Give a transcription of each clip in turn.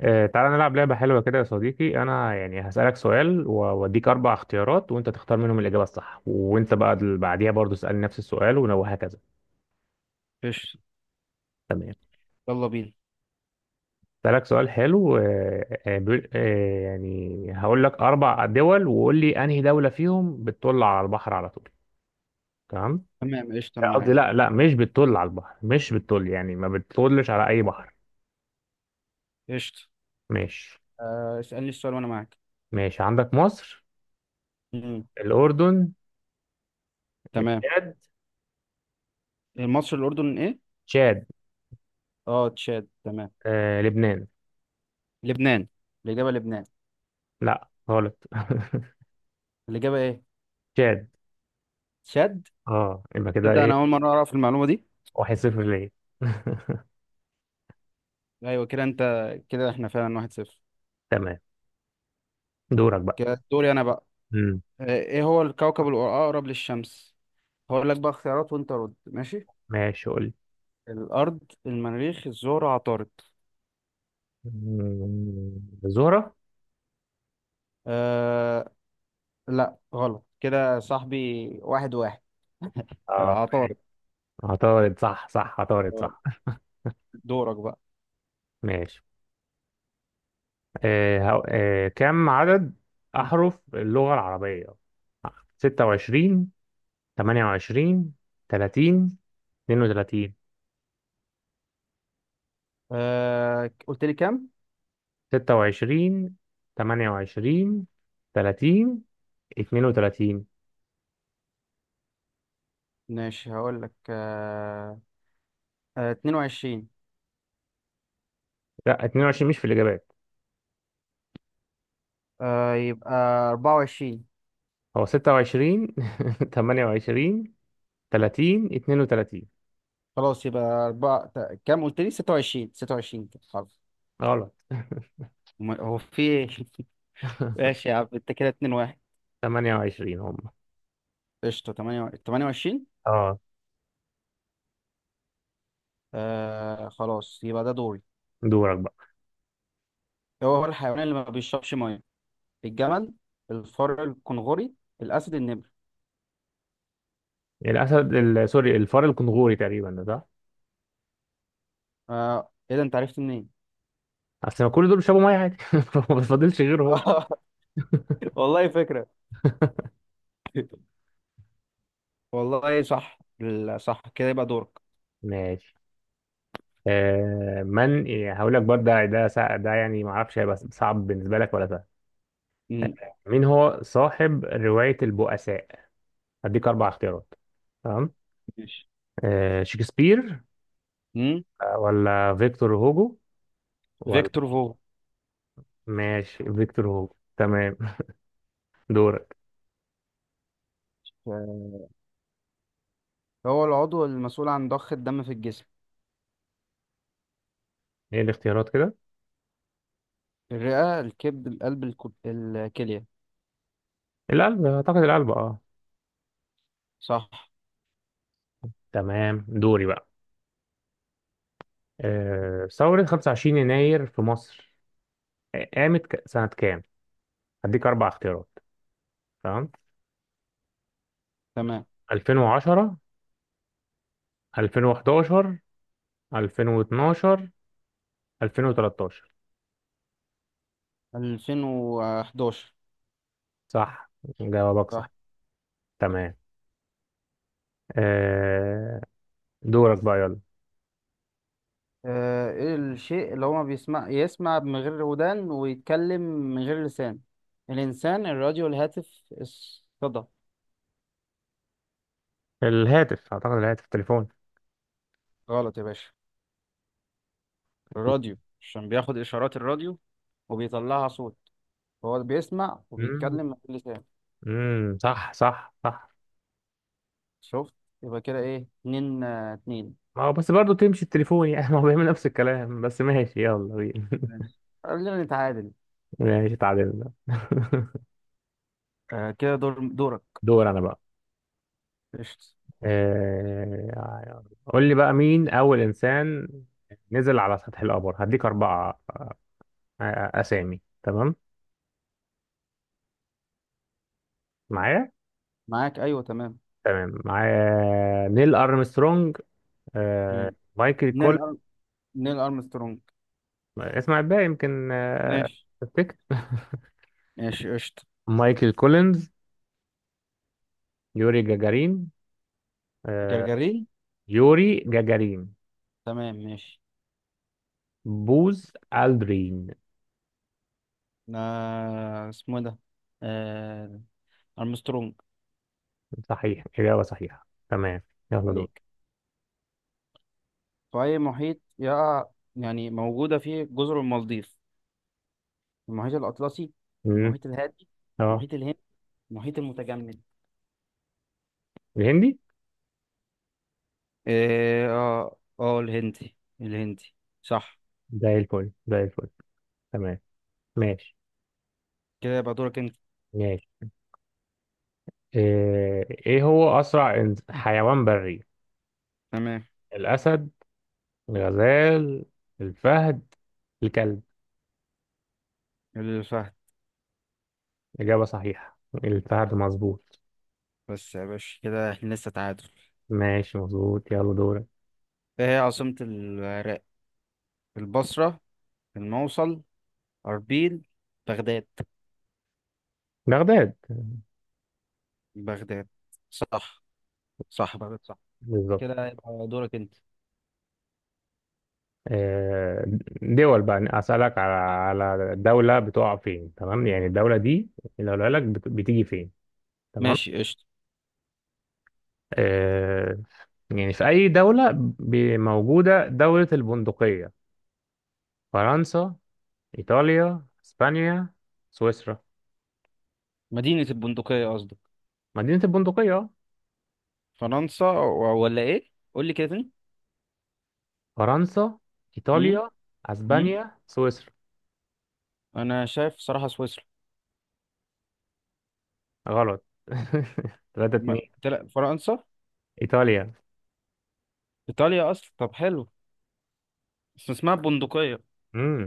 تعالى نلعب لعبة حلوة كده يا صديقي. أنا يعني هسألك سؤال وأديك أربع اختيارات، وأنت تختار منهم الإجابة الصح، وأنت بقى اللي بعديها برضو اسألني نفس السؤال وهكذا. قشطة. تمام. يلا بينا. هسألك سؤال حلو. يعني هقول لك أربع دول وقول لي أنهي دولة فيهم بتطل على البحر على طول. تمام. تمام، قشطة، أنا قصدي معاك. لا لا مش بتطل على البحر، مش بتطل، يعني ما بتطلش على أي بحر. قشطة. ماشي، اسألني السؤال وأنا معاك. ماشي. عندك مصر، مم. الأردن، تمام. التشاد، المصر الأردن إيه؟ تشاد، أه، تشاد، تمام. لبنان. لبنان. الإجابة لبنان. لا، غلط. الإجابة إيه؟ تشاد. تشاد. اه، يبقى كده تبدأ. أنا ايه؟ أول مرة أعرف المعلومة دي. 1-0 ليه. أيوة كده أنت. كده إحنا فعلا واحد صفر. تمام. دورك بقى. كده دوري أنا بقى. امم. إيه هو الكوكب الأقرب للشمس؟ هقول لك بقى اختيارات وأنت رد. ماشي. ماشي، قول لي. الأرض، المريخ، الزهرة، عطارد. زهرة. أه. لا، غلط كده يا صاحبي. واحد واحد. اه، ماشي. عطارد. عطارد، صح، صح، عطارد صح. دورك بقى. ماشي. آه هو... آه كم عدد أحرف اللغة العربية؟ 26، 28، 30، 32. قلت لي كام؟ 26، 28، 30، 32. ماشي، هقول لك 22. لا، 22 مش في الإجابات. يبقى 24. هو 26، 28، 30، 32. خلاص يبقى أربعة كام قلت لي؟ 26، 26، كده خلاص. غلط هو في إيه؟ ماشي يا عم انت. كده 2-1. 28 هم. قشطة، 8، 28. اه، خلاص، يبقى ده دوري. دورك بقى. هو الحيوان اللي ما بيشربش ميه. الجمل، الفار الكنغوري، الأسد، النمر. الاسد سوري، الفار الكنغوري تقريبا، ده صح. ايه ده، انت عرفت منين؟ اصل ما كل دول بيشربوا ميه عادي. ما بتفضلش غيره هو. والله فكرة. والله صح، صح، كده يبقى دورك. ماشي. من إيه، هقول لك برضه ده يعني ما اعرفش هيبقى صعب بالنسبه لك ولا سهل. مم. مين هو صاحب روايه البؤساء؟ هديك اربع اختيارات. تمام. ماشي. شكسبير، مم. ولا فيكتور هوجو. فيكتور فوغ. ماشي، فيكتور هوجو. تمام. دورك. هو العضو المسؤول عن ضخ الدم في الجسم؟ ايه الاختيارات كده؟ الرئة، الكبد، القلب، الكلية. القلب، اعتقد القلب، اه. صح. تمام، دوري بقى. ثورة 25 يناير في مصر قامت سنة كام؟ هديك اربع اختيارات. تمام. تمام. 2010، 2011، 2012، 2013. 2011. صح، جوابك صح. صح. تمام. آه، دورك بقى يلا. ايه الشيء اللي هو ما بيسمع يسمع من غير ودان ويتكلم من غير لسان؟ الإنسان، الراديو، الهاتف، الصدى. الهاتف، اعتقد الهاتف، التليفون. غلط يا باشا. الراديو، عشان بياخد إشارات الراديو وبيطلعها صوت. هو بيسمع وبيتكلم من غير لسان. امم، صح، صح، صح. شفت؟ يبقى كده ايه، اتنين، اتنين. ما هو بس برضه تمشي التليفون يعني. ما هو بيعمل نفس الكلام بس. ماشي، يلا بينا. ماشي، خلينا نتعادل. ماشي، اتعادلنا. كده دورك. دور انا بقى. قشطة. قول لي بقى، مين اول انسان نزل على سطح القمر؟ هديك اربعة اسامي. تمام. معايا. معاك، ايوه، تمام. تمام، معايا. نيل ارمسترونج، مم. مايكل نيل كولينز. أر... نيل ارمسترونج. اسمع الباقي يمكن. ماشي. تفتكر. ماشي، قشطة. مايكل كولينز، يوري جاجارين، آه، جرجرين. يوري جاجارين، تمام، ماشي. بوز الدرين. اسمه ده. آه ارمسترونج. صحيح، إجابة صحيحة. تمام. يلا، دور. عليك. في اي محيط يقع، يعني موجودة فيه، جزر المالديف؟ المحيط الاطلسي، مم. المحيط الهادي، اه، المحيط الهندي، المحيط المتجمد. الهندي. اه. اه، الهندي. الهندي. صح. زي الفل، زي الفل. تمام. ماشي. كده يبقى دورك انت. ماشي. إيه، هو أسرع حيوان بري؟ تمام. الأسد، الغزال، الفهد، الكلب. اللي فهد. إجابة صحيحة، الفهد مظبوط. بس يا باشا، كده احنا لسه تعادل. ماشي، مظبوط. يلا دورك. ايه هي عاصمة العراق؟ البصرة، الموصل، أربيل، بغداد. بغداد. بغداد. صح. صح، بغداد، صح. بالظبط. كده يبقى دورك انت. آه، دول بقى أسألك على دولة بتقع فين. تمام. يعني الدولة دي لو قالك بتيجي فين. تمام. ماشي، قشطة. آه، يعني في أي دولة موجودة دولة البندقية؟ فرنسا، إيطاليا، إسبانيا، سويسرا. مدينة البندقية قصدك؟ مدينة البندقية. فرنسا ولا ايه؟ قول لي كده تاني. فرنسا، امم. إيطاليا، امم. أسبانيا، سويسرا. انا شايف صراحة سويسرا. غلط. تلاتة اتنين، فرنسا، إيطاليا. ايطاليا اصلا. طب حلو. بس اسمها البندقية.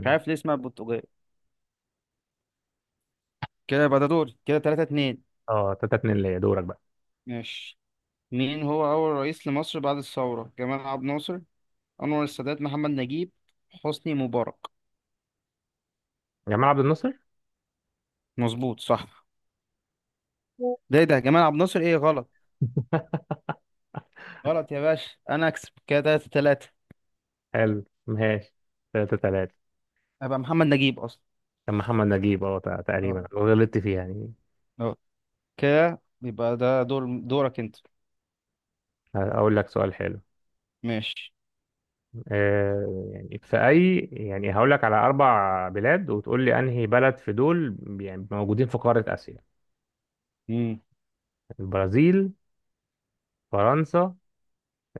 مش عارف ليه اسمها البندقية. كده يبقى ده دوري. كده 3-2. اه، 3-2 ليا. دورك بقى. ماشي. مين هو أول رئيس لمصر بعد الثورة؟ جمال عبد الناصر، أنور السادات، محمد نجيب، حسني مبارك. جمال عبد الناصر. مظبوط، صح. ده إيه ده؟ جمال عبد الناصر إيه؟ غلط. غلط يا باشا، أنا أكسب. كده تلاتة تلاتة. حلو. ماشي، 3-3. أبقى محمد نجيب أصلا. كان محمد نجيب اه أه. تقريبا، غلطت فيها يعني. أه. كده يبقى ده دورك أنت. هقول لك سؤال حلو. ماشي. يعني في أي، يعني هقول لك على أربع بلاد وتقول لي أنهي بلد في دول يعني موجودين في قارة آسيا. مم. البرازيل، فرنسا،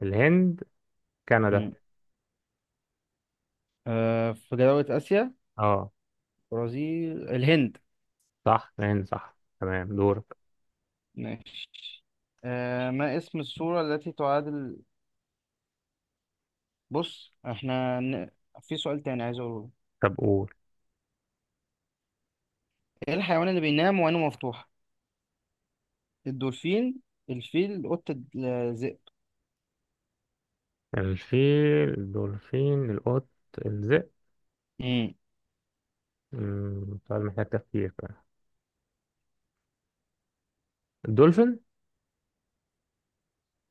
الهند، كندا. مم. في دولة آسيا. اه، برازيل، الهند. صح، الهند. صح، تمام. دورك. ماشي. ما اسم السورة التي تعادل... بص، احنا في سؤال تاني عايز أقوله. طب قول. ايه الحيوان اللي بينام وعينه مفتوحة؟ الدولفين، الفيل، قطة، الذئب. الفيل، الدولفين، القط، الذئب. امم. سؤال محتاج تفكير فعلا. الدولفين.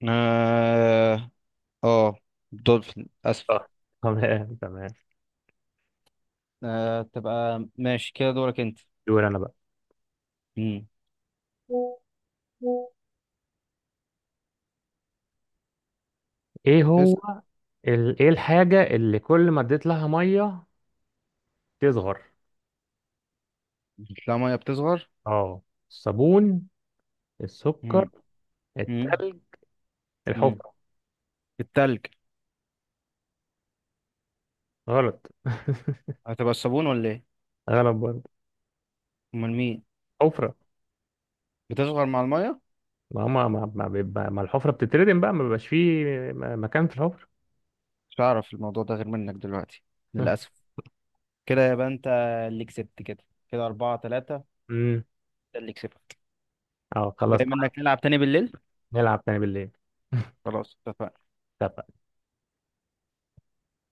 اه. آه، دولفين، اسف. صح. تمام، تمام. تبقى ماشي، كده دورك انت. دور أنا بقى. امم. إيه تسأل. إيه الحاجة اللي كل ما اديت لها مية تصغر؟ لا، ميه بتصغر. اه، الصابون، السكر، امم. امم. التلج، امم. الحفرة. التلج. غلط. هتبقى الصابون ولا ايه؟ غلط برضه. امال مين؟ حفرة. بتصغر مع الميه؟ ما هما ما الحفرة بتتردم بقى، ما بيبقاش فيه مكان في الحفرة. مش هعرف الموضوع ده غير منك دلوقتي، للاسف. كده يبقى انت اللي كسبت. كده كده أربعة تلاتة. امم. ده اللي كسبت. اه، خلاص. جاي منك، نلعب تاني بالليل. نلعب تاني بالليل. خلاص، اتفقنا. طب.